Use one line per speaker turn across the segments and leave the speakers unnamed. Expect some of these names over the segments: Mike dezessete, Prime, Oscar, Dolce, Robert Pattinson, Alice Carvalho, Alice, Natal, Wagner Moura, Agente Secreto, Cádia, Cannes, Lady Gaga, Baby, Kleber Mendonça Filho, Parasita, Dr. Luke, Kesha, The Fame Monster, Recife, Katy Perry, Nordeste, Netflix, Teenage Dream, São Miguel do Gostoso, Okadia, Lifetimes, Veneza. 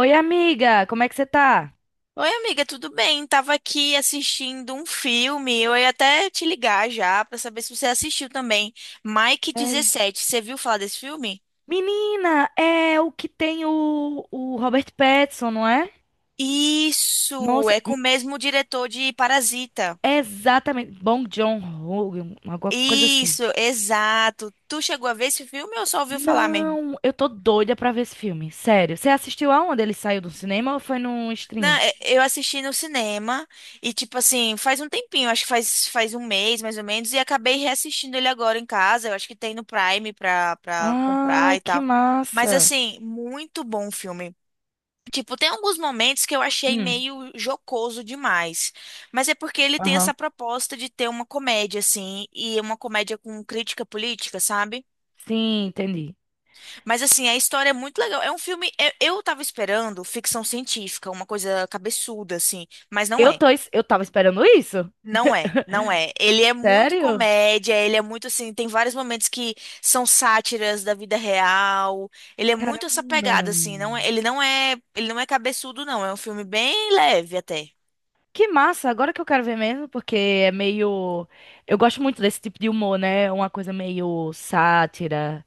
Oi, amiga, como é que você tá?
Oi, amiga, tudo bem? Tava aqui assistindo um filme. Eu ia até te ligar já pra saber se você assistiu também. Mike
Sério?
dezessete, você viu falar desse filme?
Menina, é o que tem o Robert Pattinson, não é?
Isso,
Nossa,
é com o mesmo diretor de Parasita.
exatamente. Bom John ho alguma coisa assim.
Isso, exato. Tu chegou a ver esse filme ou só ouviu falar mesmo?
Não, eu tô doida pra ver esse filme, sério. Você assistiu aonde ele saiu do cinema ou foi no
Não,
streaming?
eu assisti no cinema e, tipo assim, faz um tempinho, acho que faz um mês mais ou menos, e acabei reassistindo ele agora em casa. Eu acho que tem no Prime pra comprar
Ai,
e
que
tal. Mas,
massa.
assim, muito bom o filme. Tipo, tem alguns momentos que eu achei
Hum,
meio jocoso demais, mas é porque ele tem
aham.
essa proposta de ter uma comédia, assim, e uma comédia com crítica política, sabe?
Sim, entendi.
Mas, assim, a história é muito legal. É um filme. Eu tava esperando ficção científica, uma coisa cabeçuda, assim, mas não é.
Eu tava esperando isso.
Não é, não é. Ele é muito
Sério?
comédia, ele é muito assim, tem vários momentos que são sátiras da vida real. Ele é muito essa
Caramba.
pegada assim, não é, ele não é cabeçudo não, é um filme bem leve até.
Que massa, agora que eu quero ver mesmo, porque é meio. Eu gosto muito desse tipo de humor, né? Uma coisa meio sátira,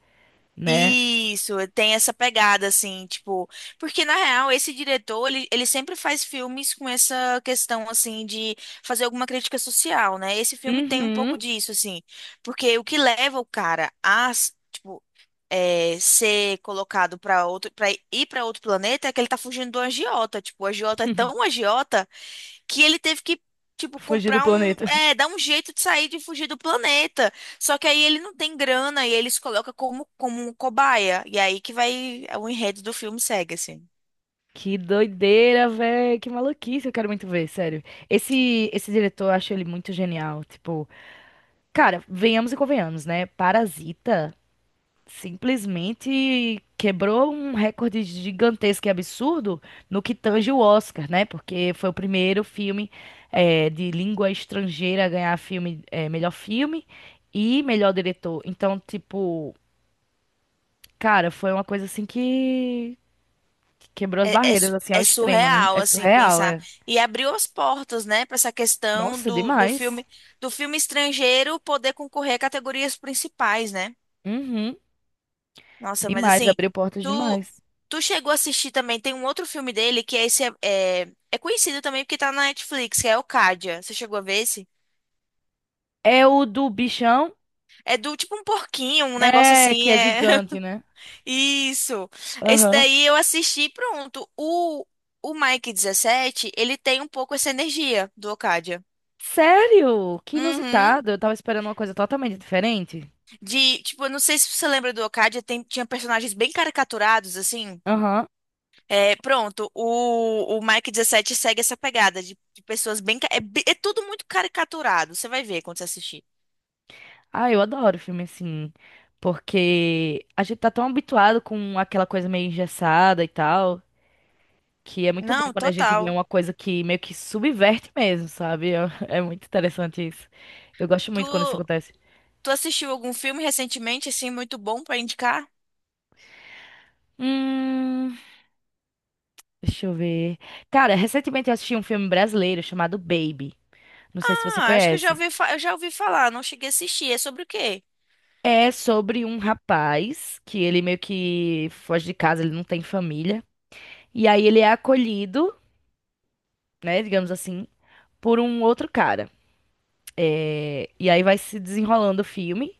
né?
Isso, tem essa pegada assim, tipo, porque na real esse diretor, ele sempre faz filmes com essa questão assim de fazer alguma crítica social, né? Esse filme tem um pouco
Uhum.
disso assim, porque o que leva o cara a, tipo, é, ser colocado para ir para outro planeta é que ele tá fugindo do agiota. Tipo, o agiota é tão agiota que ele teve que, tipo,
Fugir do
comprar um,
planeta.
é, dar um jeito de sair de fugir do planeta. Só que aí ele não tem grana e ele se coloca como um cobaia. E aí que vai, é, o enredo do filme segue, assim.
Que doideira, véi. Que maluquice, eu quero muito ver, sério. Esse diretor, eu acho ele muito genial. Tipo, cara, venhamos e convenhamos, né? Parasita simplesmente quebrou um recorde gigantesco e absurdo no que tange o Oscar, né? Porque foi o primeiro filme de língua estrangeira a ganhar filme, melhor filme e melhor diretor. Então, tipo, cara, foi uma coisa assim que quebrou as
É, é,
barreiras, assim, ao
é
extremo, né?
surreal,
É
assim,
surreal,
pensar.
é.
E abriu as portas, né, para essa questão
Nossa, demais.
do filme estrangeiro poder concorrer a categorias principais, né?
Uhum,
Nossa, mas
demais,
assim,
abriu portas
tu,
demais.
tu chegou a assistir também, tem um outro filme dele que é é conhecido também porque tá na Netflix, que é o Cádia. Você chegou a ver esse?
É o do bichão,
É do tipo um porquinho, um negócio
é, que
assim,
é
é.
gigante, né?
Isso. Esse
Aham.
daí eu assisti, pronto. O Mike 17 ele tem um pouco essa energia do Okadia.
Sério? Que
Uhum.
inusitado. Eu tava esperando uma coisa totalmente diferente.
De, tipo, eu não sei se você lembra do Okadia, tinha personagens bem caricaturados, assim.
Aham.
É, pronto, o Mike dezessete segue essa pegada de pessoas bem. É tudo muito caricaturado, você vai ver quando você assistir.
Ah, eu adoro filme assim. Porque a gente tá tão habituado com aquela coisa meio engessada e tal, que é muito bom
Não,
quando a gente vê
total.
uma coisa que meio que subverte mesmo, sabe? É, é muito interessante isso. Eu gosto
Tu,
muito quando isso acontece.
tu assistiu algum filme recentemente, assim, muito bom pra indicar?
Hum, deixa eu ver. Cara, recentemente eu assisti um filme brasileiro chamado Baby. Não sei se você
Ah, acho que eu já
conhece.
ouvi, eu já ouvi falar, não cheguei a assistir. É sobre o quê?
É sobre um rapaz que ele meio que foge de casa, ele não tem família. E aí ele é acolhido, né, digamos assim, por um outro cara. É, e aí vai se desenrolando o filme.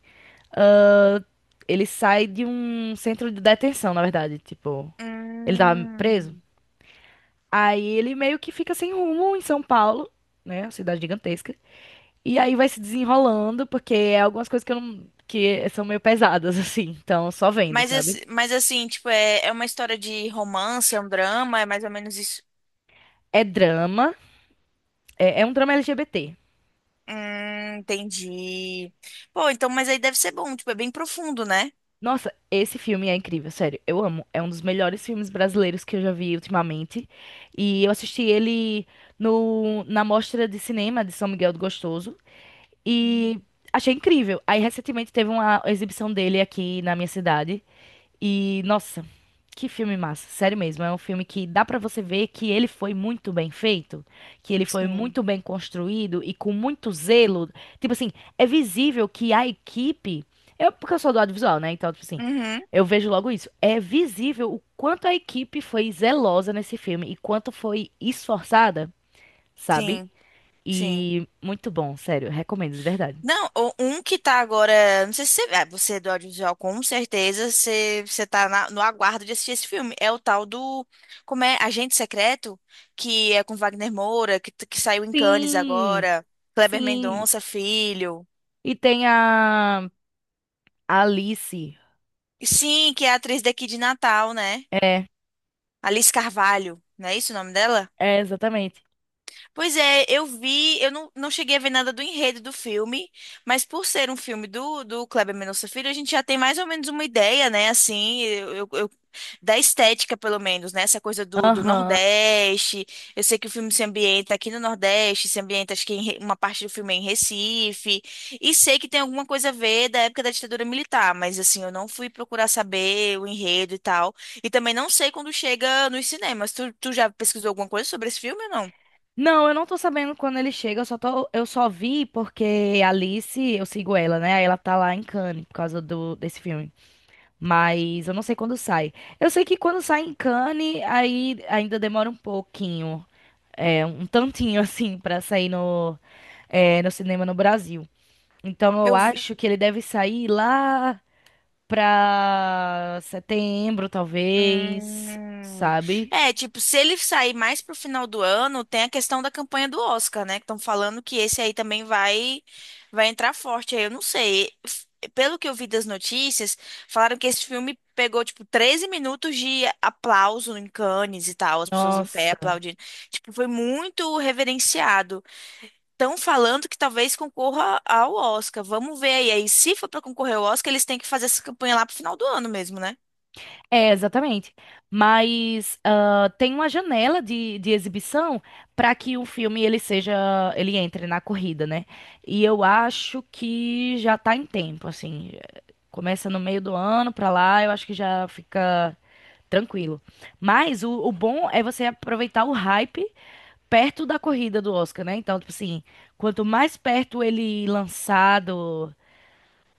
Ele sai de um centro de detenção, na verdade, tipo, ele tava preso.
Hum.
Aí ele meio que fica sem rumo em São Paulo, né, uma cidade gigantesca. E aí vai se desenrolando, porque é algumas coisas que eu não... que são meio pesadas, assim, então só vendo, sabe?
Mas assim, tipo, é, é uma história de romance, é um drama, é mais ou menos isso.
É drama, é um drama LGBT.
Entendi. Pô, então, mas aí deve ser bom, tipo, é bem profundo, né?
Nossa, esse filme é incrível, sério. Eu amo. É um dos melhores filmes brasileiros que eu já vi ultimamente. E eu assisti ele no, na Mostra de Cinema de São Miguel do Gostoso. E achei incrível. Aí, recentemente, teve uma exibição dele aqui na minha cidade. E, nossa, que filme massa, sério mesmo. É um filme que dá pra você ver que ele foi muito bem feito, que ele foi
Sim.
muito bem construído e com muito zelo. Tipo assim, é visível que a equipe. Eu, porque eu sou do audiovisual, né? Então, tipo assim,
Uhum,
eu vejo logo isso. É visível o quanto a equipe foi zelosa nesse filme e quanto foi esforçada, sabe?
sim. Sim.
E muito bom, sério, recomendo de verdade.
Não, um que tá agora. Não sei se você. Ah, você é do audiovisual, com certeza. Você tá no aguardo de assistir esse filme. É o tal do. Como é? Agente Secreto, que é com Wagner Moura, que saiu em Cannes
Sim,
agora. Kleber
sim.
Mendonça, filho.
E tem a Alice.
E sim, que é a atriz daqui de Natal, né?
É,
Alice Carvalho. Não é isso o nome dela?
É, exatamente.
Pois é, eu vi, eu não, não cheguei a ver nada do enredo do filme, mas por ser um filme do Kleber Mendonça Filho, a gente já tem mais ou menos uma ideia, né, assim, da estética, pelo menos, né, essa coisa do
Aham.
Nordeste, eu sei que o filme se ambienta aqui no Nordeste, se ambienta, acho que em uma parte do filme é em Recife, e sei que tem alguma coisa a ver da época da ditadura militar, mas, assim, eu não fui procurar saber o enredo e tal, e também não sei quando chega nos cinemas, tu já pesquisou alguma coisa sobre esse filme ou não?
Não, eu não tô sabendo quando ele chega, eu só vi porque a Alice, eu sigo ela, né? Aí ela tá lá em Cannes por causa do desse filme. Mas eu não sei quando sai. Eu sei que quando sai em Cannes, aí ainda demora um pouquinho, é, um tantinho assim pra sair no no cinema no Brasil. Então eu
Eu vi.
acho que ele deve sair lá pra setembro, talvez,
Hum.
sabe?
É, tipo, se ele sair mais pro final do ano, tem a questão da campanha do Oscar, né? Que estão falando que esse aí também vai entrar forte. Aí eu não sei. F- Pelo que eu vi das notícias, falaram que esse filme pegou, tipo, 13 minutos de aplauso em Cannes e tal, as pessoas em pé
Nossa.
aplaudindo. Tipo, foi muito reverenciado. Estão falando que talvez concorra ao Oscar. Vamos ver aí. Aí, se for pra concorrer ao Oscar, eles têm que fazer essa campanha lá pro final do ano mesmo, né?
É, exatamente. Mas ah, tem uma janela de exibição para que o filme ele seja, ele entre na corrida, né? E eu acho que já tá em tempo, assim. Começa no meio do ano para lá, eu acho que já fica tranquilo. Mas o bom é você aproveitar o hype perto da corrida do Oscar, né? Então, tipo assim, quanto mais perto ele lançado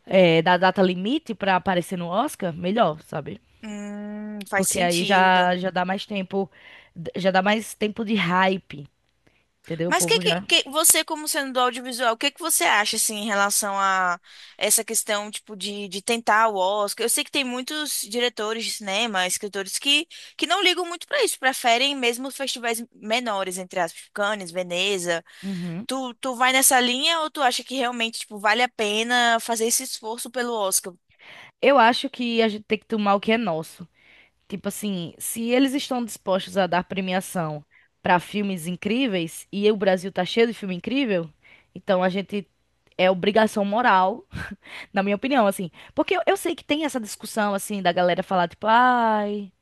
da data limite para aparecer no Oscar, melhor, sabe?
Faz
Porque aí
sentido.
já dá mais tempo, já dá mais tempo de hype, entendeu? O
Mas que,
povo já.
que, que você, como sendo do audiovisual, o que que você acha assim em relação a essa questão tipo de tentar o Oscar? Eu sei que tem muitos diretores de cinema, escritores que não ligam muito pra isso, preferem mesmo os festivais menores, entre aspas, tipo Cannes, Veneza.
Uhum.
Tu vai nessa linha ou tu acha que realmente tipo vale a pena fazer esse esforço pelo Oscar?
Eu acho que a gente tem que tomar o que é nosso. Tipo assim, se eles estão dispostos a dar premiação para filmes incríveis e o Brasil tá cheio de filme incrível, então a gente é obrigação moral, na minha opinião, assim. Porque eu sei que tem essa discussão assim da galera falar tipo, ai,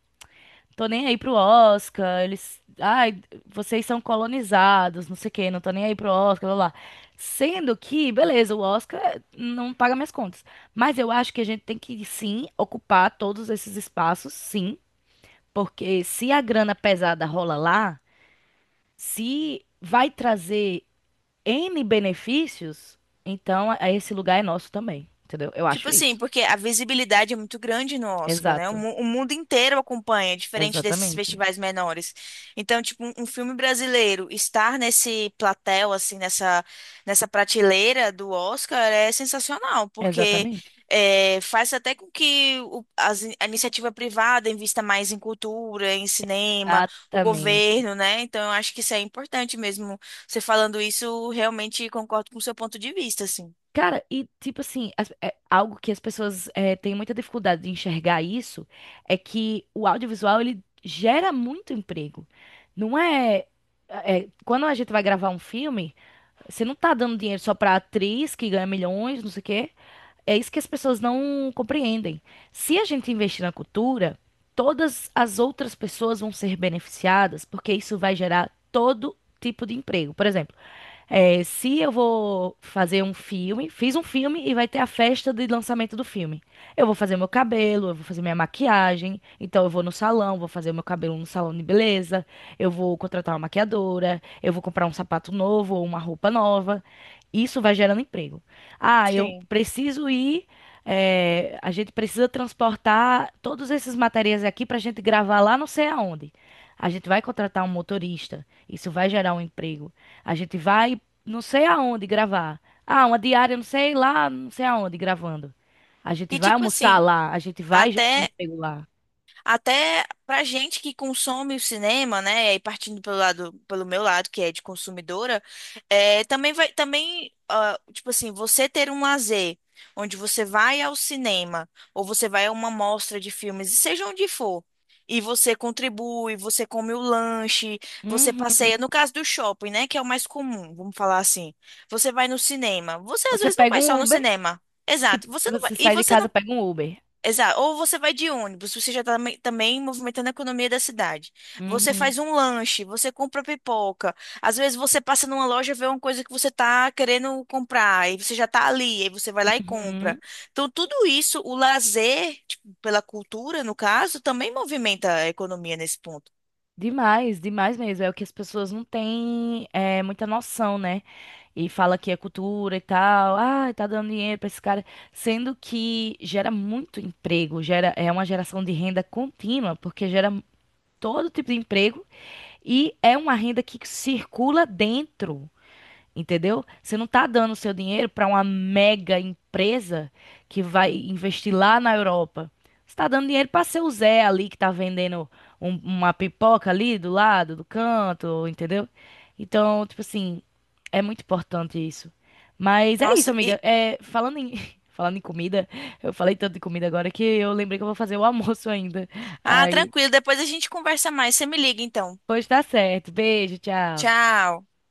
tô nem aí pro Oscar, eles. Ai, vocês são colonizados, não sei o quê, não tô nem aí pro Oscar, blá blá. Sendo que, beleza, o Oscar não paga minhas contas. Mas eu acho que a gente tem que, sim, ocupar todos esses espaços, sim. Porque se a grana pesada rola lá, se vai trazer N benefícios, então a- esse lugar é nosso também, entendeu? Eu
Tipo
acho
assim,
isso.
porque a visibilidade é muito grande no Oscar, né?
Exato.
O mundo inteiro acompanha, diferente desses
Exatamente.
festivais menores. Então, tipo, um filme brasileiro estar nesse platel, assim, nessa prateleira do Oscar é sensacional, porque
Exatamente.
é, faz até com que a iniciativa privada invista mais em cultura, em cinema, o
Exatamente.
governo, né? Então, eu acho que isso é importante mesmo. Você falando isso, realmente concordo com o seu ponto de vista, assim.
Cara, e tipo assim, as- é, algo que as pessoas é, têm muita dificuldade de enxergar isso é que o audiovisual ele gera muito emprego. Não é, é, quando a gente vai gravar um filme, você não tá dando dinheiro só pra atriz que ganha milhões, não sei o quê. É isso que as pessoas não compreendem. Se a gente investir na cultura, todas as outras pessoas vão ser beneficiadas, porque isso vai gerar todo tipo de emprego. Por exemplo, é, se eu vou fazer um filme, fiz um filme e vai ter a festa de lançamento do filme. Eu vou fazer meu cabelo, eu vou fazer minha maquiagem, então eu vou no salão, vou fazer meu cabelo no salão de beleza, eu vou contratar uma maquiadora, eu vou comprar um sapato novo ou uma roupa nova. Isso vai gerando emprego. Ah, eu
Sim.
preciso ir. É, a gente precisa transportar todos esses materiais aqui para a gente gravar lá não sei aonde. A gente vai contratar um motorista. Isso vai gerar um emprego. A gente vai não sei aonde gravar. Ah, uma diária, não sei lá, não sei aonde gravando. A gente
E
vai
tipo
almoçar
assim,
lá, a gente vai gerar um
Até,
emprego lá.
até pra gente que consome o cinema, né? E partindo pelo lado, pelo meu lado, que é de consumidora, é, também vai, também, ah, tipo assim, você ter um lazer onde você vai ao cinema ou você vai a uma mostra de filmes, e seja onde for, e você contribui, você come o lanche, você
Uhum.
passeia, no caso do shopping, né? Que é o mais comum, vamos falar assim. Você vai no cinema. Você às
Você
vezes não
pega
vai
um
só no
Uber,
cinema. Exato.
tipo,
Você não vai,
você
e
sai de
você não
casa, pega um Uber.
Exato. Ou você vai de ônibus, você já está também movimentando a economia da cidade. Você
Uhum,
faz um lanche, você compra pipoca. Às vezes você passa numa loja, vê uma coisa que você está querendo comprar, e você já está ali, aí você vai lá e compra.
uhum.
Então, tudo isso, o lazer, tipo, pela cultura, no caso, também movimenta a economia nesse ponto.
Demais, demais mesmo. É o que as pessoas não têm é, muita noção, né? E fala que é cultura e tal. Ah, tá dando dinheiro pra esse cara. Sendo que gera muito emprego, gera, é uma geração de renda contínua, porque gera todo tipo de emprego. E é uma renda que circula dentro, entendeu? Você não está dando o seu dinheiro para uma mega empresa que vai investir lá na Europa. Você está dando dinheiro para seu Zé ali que está vendendo um- uma pipoca ali do lado, do canto, entendeu? Então, tipo assim, é muito importante isso. Mas é isso,
Nossa,
amiga.
e...
É, falando em, falando em comida, eu falei tanto de comida agora que eu lembrei que eu vou fazer o almoço ainda.
Ah,
Aí,
tranquilo, depois a gente conversa mais. Você me liga então.
pois tá certo. Beijo, tchau.
Tchau.